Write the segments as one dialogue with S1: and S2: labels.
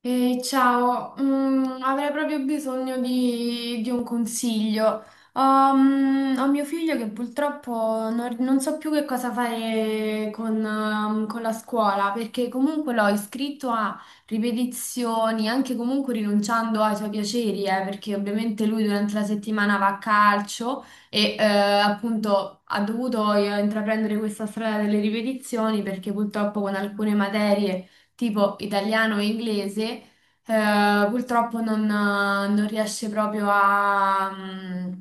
S1: Ehi, ciao, avrei proprio bisogno di un consiglio. Ho mio figlio che purtroppo non so più che cosa fare con con la scuola, perché comunque l'ho iscritto a ripetizioni, anche comunque rinunciando ai suoi piaceri, perché ovviamente lui durante la settimana va a calcio e appunto ha dovuto intraprendere questa strada delle ripetizioni perché purtroppo con alcune materie tipo italiano e inglese, purtroppo non riesce proprio a,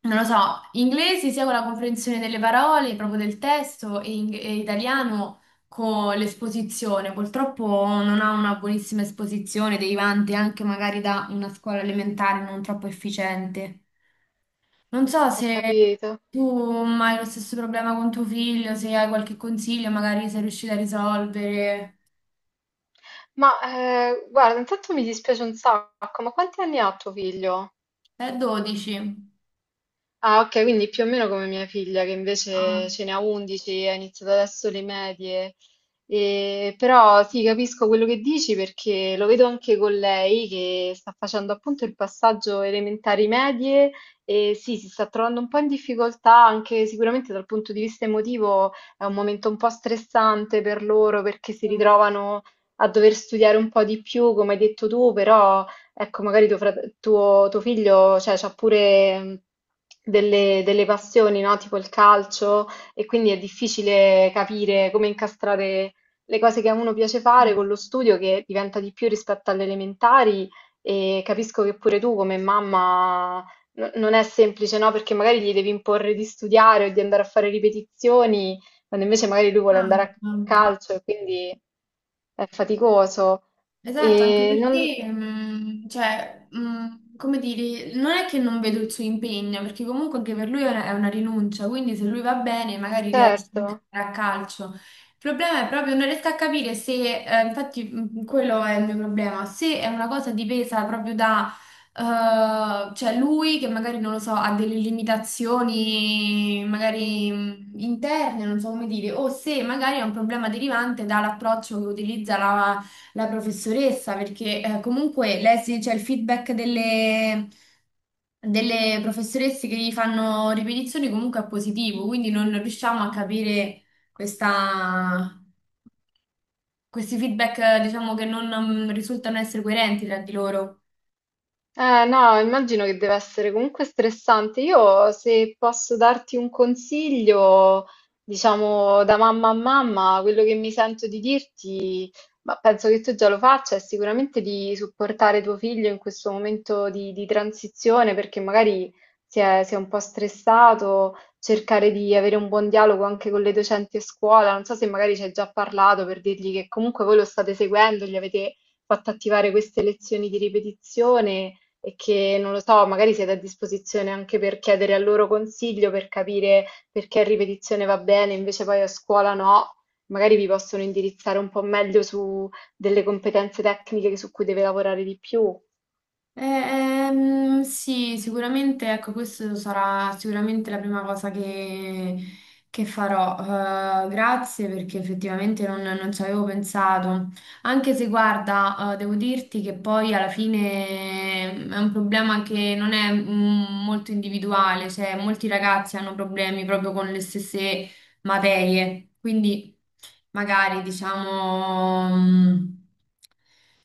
S1: non lo so, inglese sia con la comprensione delle parole, proprio del testo, e italiano con l'esposizione. Purtroppo non ha una buonissima esposizione, derivante anche magari da una scuola elementare non troppo efficiente. Non so
S2: Ho
S1: se...
S2: capito.
S1: Tu hai lo stesso problema con tuo figlio, se hai qualche consiglio, magari sei riuscita a risolvere.
S2: Ma Guarda, intanto mi dispiace un sacco, ma quanti anni ha tuo figlio?
S1: È 12.
S2: Ah, ok, quindi più o meno come mia figlia, che invece ce ne ha 11, ha iniziato adesso le medie. Però sì, capisco quello che dici perché lo vedo anche con lei che sta facendo appunto il passaggio elementari medie e sì, si sta trovando un po' in difficoltà anche sicuramente dal punto di vista emotivo. È un momento un po' stressante per loro perché si ritrovano a dover studiare un po' di più, come hai detto tu, però ecco, magari tuo figlio, cioè, c'ha pure delle passioni, no? Tipo il calcio, e quindi è difficile capire come incastrare le cose che a uno piace fare con
S1: 啊啊啊啊！嗯
S2: lo studio che diventa di più rispetto alle elementari, e capisco che pure tu come mamma non è semplice, no? Perché magari gli devi imporre di studiare o di andare a fare ripetizioni, quando invece magari lui vuole andare a calcio e quindi è faticoso.
S1: Esatto, anche
S2: E non,
S1: perché, cioè, come dire, non è che non vedo il suo impegno, perché comunque anche per lui è una rinuncia, quindi se lui va bene magari riesce anche a
S2: certo.
S1: giocare a calcio. Il problema è proprio non riesco a capire se, infatti quello è il mio problema, se è una cosa dipesa proprio da, cioè lui che magari, non lo so, ha delle limitazioni magari interne, non so come dire, o se magari è un problema derivante dall'approccio che utilizza la professoressa, perché comunque lei si c'è il feedback delle professoresse che gli fanno ripetizioni comunque è positivo, quindi non riusciamo a capire questa- questi feedback, diciamo, che non risultano essere coerenti tra di loro.
S2: No, immagino che deve essere comunque stressante. Io, se posso darti un consiglio, diciamo da mamma a mamma, quello che mi sento di dirti, ma penso che tu già lo faccia, è sicuramente di supportare tuo figlio in questo momento di transizione, perché magari si è un po' stressato, cercare di avere un buon dialogo anche con le docenti a scuola. Non so se magari ci hai già parlato per dirgli che comunque voi lo state seguendo, gli avete fatto attivare queste lezioni di ripetizione e che, non lo so, magari siete a disposizione anche per chiedere al loro consiglio per capire perché in ripetizione va bene, invece poi a scuola no, magari vi possono indirizzare un po' meglio su delle competenze tecniche su cui deve lavorare di più.
S1: Sì, sicuramente, ecco, questa sarà sicuramente la prima cosa che farò. Grazie perché effettivamente non ci avevo pensato. Anche se, guarda, devo dirti che poi alla fine è un problema che non è molto individuale, cioè molti ragazzi hanno problemi proprio con le stesse materie, quindi magari diciamo...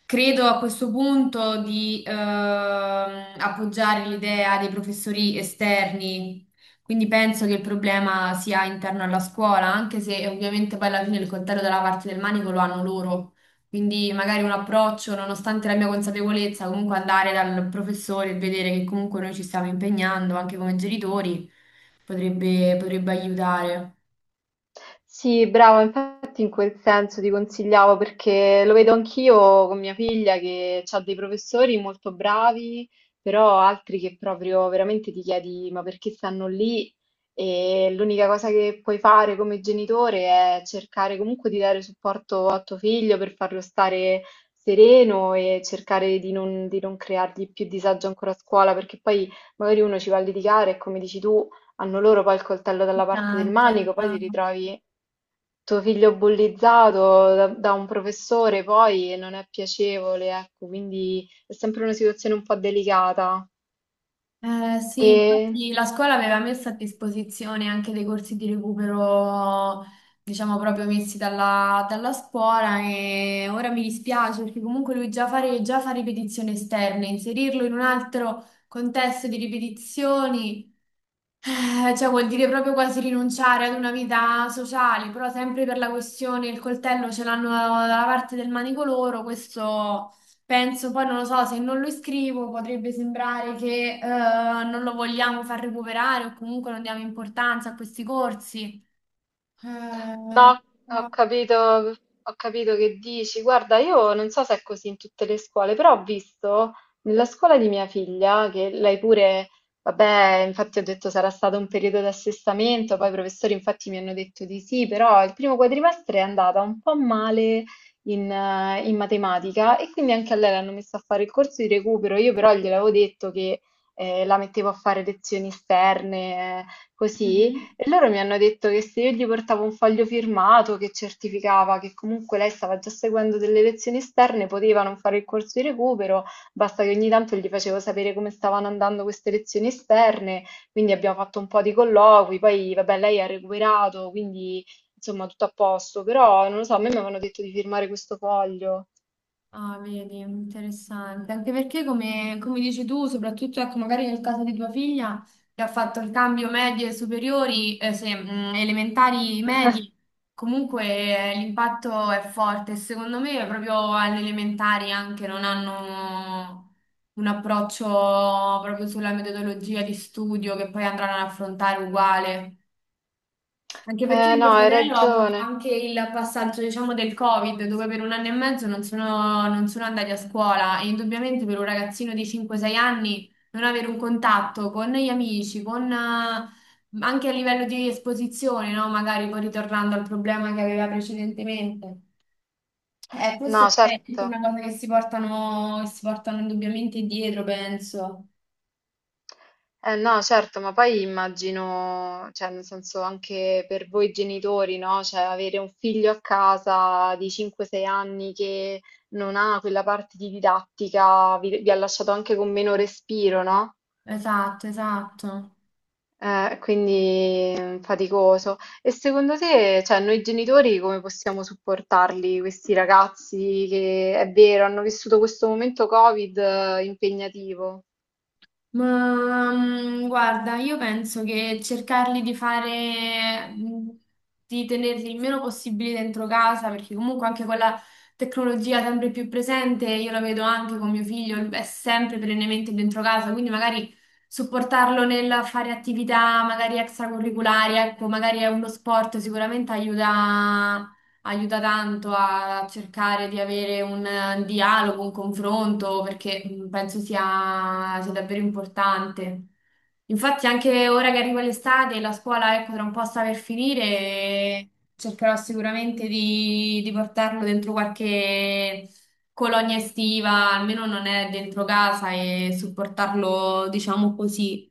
S1: credo a questo punto di appoggiare l'idea dei professori esterni, quindi penso che il problema sia interno alla scuola, anche se ovviamente poi alla fine il coltello dalla parte del manico lo hanno loro. Quindi magari un approccio, nonostante la mia consapevolezza, comunque andare dal professore e vedere che comunque noi ci stiamo impegnando anche come genitori potrebbe aiutare.
S2: Sì, bravo, infatti in quel senso ti consigliavo perché lo vedo anch'io con mia figlia che ha dei professori molto bravi, però altri che proprio veramente ti chiedi ma perché stanno lì? E l'unica cosa che puoi fare come genitore è cercare comunque di dare supporto a tuo figlio per farlo stare sereno e cercare di non creargli più disagio ancora a scuola, perché poi magari uno ci va a litigare e come dici tu, hanno loro poi il coltello dalla parte del
S1: Tanto,
S2: manico, poi ti
S1: tanto.
S2: ritrovi tuo figlio bullizzato da un professore, poi non è piacevole, ecco, quindi è sempre una situazione un po' delicata.
S1: Sì,
S2: E
S1: infatti la scuola aveva messo a disposizione anche dei corsi di recupero, diciamo proprio messi dalla scuola e ora mi dispiace perché comunque lui già fa ripetizioni esterne, inserirlo in un altro contesto di ripetizioni, cioè vuol dire proprio quasi rinunciare ad una vita sociale, però sempre per la questione il coltello ce l'hanno dalla parte del manico loro, questo penso, poi non lo so, se non lo iscrivo potrebbe sembrare che non lo vogliamo far recuperare o comunque non diamo importanza a questi corsi.
S2: no,
S1: Eh,
S2: ho
S1: qua-
S2: capito, ho capito che dici. Guarda, io non so se è così in tutte le scuole, però ho visto nella scuola di mia figlia che lei pure, vabbè, infatti ho detto sarà stato un periodo di assestamento, poi i professori infatti mi hanno detto di sì, però il primo quadrimestre è andata un po' male in, in matematica, e quindi anche a lei l'hanno messa a fare il corso di recupero. Io però gliel'avevo detto che la mettevo a fare lezioni esterne, così.
S1: Mhm.
S2: E loro mi hanno detto che se io gli portavo un foglio firmato che certificava che comunque lei stava già seguendo delle lezioni esterne, poteva non fare il corso di recupero, basta che ogni tanto gli facevo sapere come stavano andando queste lezioni esterne, quindi abbiamo fatto un po' di colloqui, poi vabbè lei ha recuperato, quindi insomma tutto a posto, però non lo so, a me mi avevano detto di firmare questo foglio.
S1: Ah, vedi, interessante. Anche perché, come dici tu, soprattutto ecco, magari nel caso di tua figlia, che ha fatto il cambio medie superiori, se, elementari medie, comunque l'impatto è forte. Secondo me, proprio alle elementari anche non hanno un approccio proprio sulla metodologia di studio che poi andranno ad affrontare uguale. Anche perché
S2: Eh
S1: mio
S2: no, hai
S1: fratello ha avuto
S2: ragione.
S1: anche il passaggio, diciamo, del Covid, dove per un anno e mezzo non sono andati a scuola e indubbiamente per un ragazzino di 5 o 6 anni non avere un contatto con gli amici, con, anche a livello di esposizione, no? Magari poi ritornando al problema che aveva precedentemente.
S2: No,
S1: Questo è
S2: certo.
S1: tutta una cosa che si portano indubbiamente dietro, penso.
S2: Eh no, certo, ma poi immagino, cioè nel senso anche per voi genitori, no? Cioè avere un figlio a casa di 5-6 anni che non ha quella parte di didattica, vi ha lasciato anche con meno respiro, no?
S1: Esatto, esatto.
S2: Quindi faticoso. E secondo te, cioè noi genitori come possiamo supportarli, questi ragazzi che è vero, hanno vissuto questo momento Covid impegnativo?
S1: Ma, guarda, io penso che cercarli di fare, di tenerli il meno possibile dentro casa, perché comunque anche con la tecnologia sempre più presente, io la vedo anche con mio figlio, è sempre perennemente dentro casa, quindi magari supportarlo nel fare attività magari extracurriculari, ecco, magari è uno sport, sicuramente aiuta tanto a cercare di avere un dialogo, un confronto, perché penso sia davvero importante. Infatti, anche ora che arriva l'estate, la scuola, ecco, tra un po' sta per finire, e cercherò sicuramente di portarlo dentro qualche colonia estiva, almeno non è dentro casa, e supportarlo, diciamo così.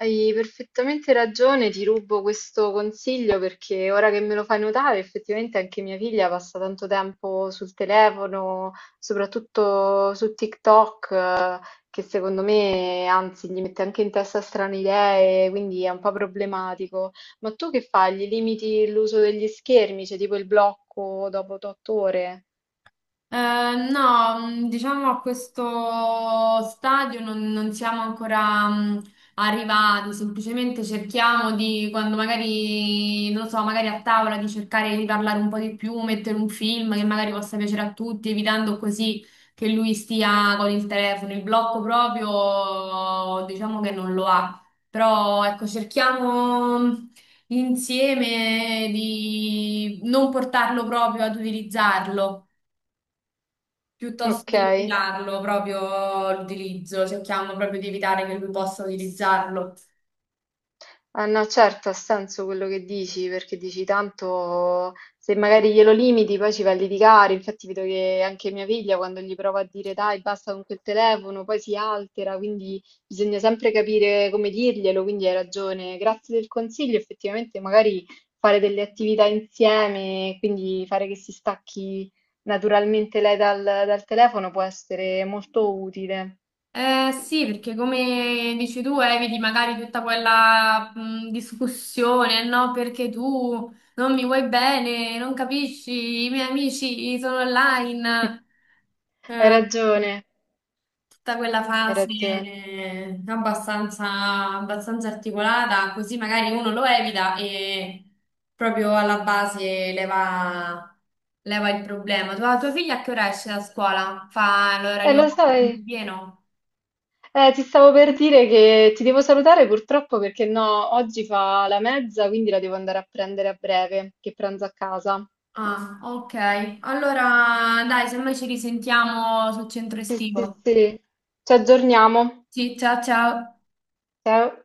S2: Hai perfettamente ragione, ti rubo questo consiglio perché ora che me lo fai notare, effettivamente anche mia figlia passa tanto tempo sul telefono, soprattutto su TikTok, che secondo me, anzi, gli mette anche in testa strane idee, quindi è un po' problematico. Ma tu che fai? Gli limiti l'uso degli schermi, c'è tipo il blocco dopo 8 ore?
S1: No, diciamo a questo stadio non siamo ancora arrivati, semplicemente cerchiamo di, quando magari, non lo so, magari a tavola di cercare di parlare un po' di più, mettere un film che magari possa piacere a tutti, evitando così che lui stia con il telefono. Il blocco proprio, diciamo che non lo ha, però ecco, cerchiamo... insieme di non portarlo proprio ad utilizzarlo piuttosto
S2: Ok.
S1: che limitarlo proprio l'utilizzo, cerchiamo proprio di evitare che lui possa utilizzarlo.
S2: Ah, no, certo, ha senso quello che dici, perché dici tanto se magari glielo limiti poi ci va a litigare. Infatti vedo che anche mia figlia quando gli prova a dire dai, basta con quel telefono, poi si altera, quindi bisogna sempre capire come dirglielo, quindi hai ragione. Grazie del consiglio, effettivamente magari fare delle attività insieme, quindi fare che si stacchi naturalmente lei dal telefono può essere molto utile.
S1: Sì, perché come dici tu, eviti magari tutta quella discussione, no? Perché tu non mi vuoi bene, non capisci, i miei amici sono online.
S2: Hai
S1: Eh,
S2: ragione,
S1: tutta quella
S2: hai
S1: fase
S2: ragione.
S1: abbastanza, abbastanza articolata, così magari uno lo evita e proprio alla base leva il problema. Tua figlia a che ora esce da scuola? Fa
S2: E
S1: l'orario
S2: lo sai.
S1: pieno?
S2: Ti stavo per dire che ti devo salutare purtroppo perché no, oggi fa la mezza, quindi la devo andare a prendere a breve, che pranzo a casa.
S1: Ah, ok. Allora, dai, se noi ci risentiamo sul centro
S2: Sì, sì,
S1: estivo.
S2: sì. Ci aggiorniamo.
S1: Sì, ciao ciao.
S2: Ciao.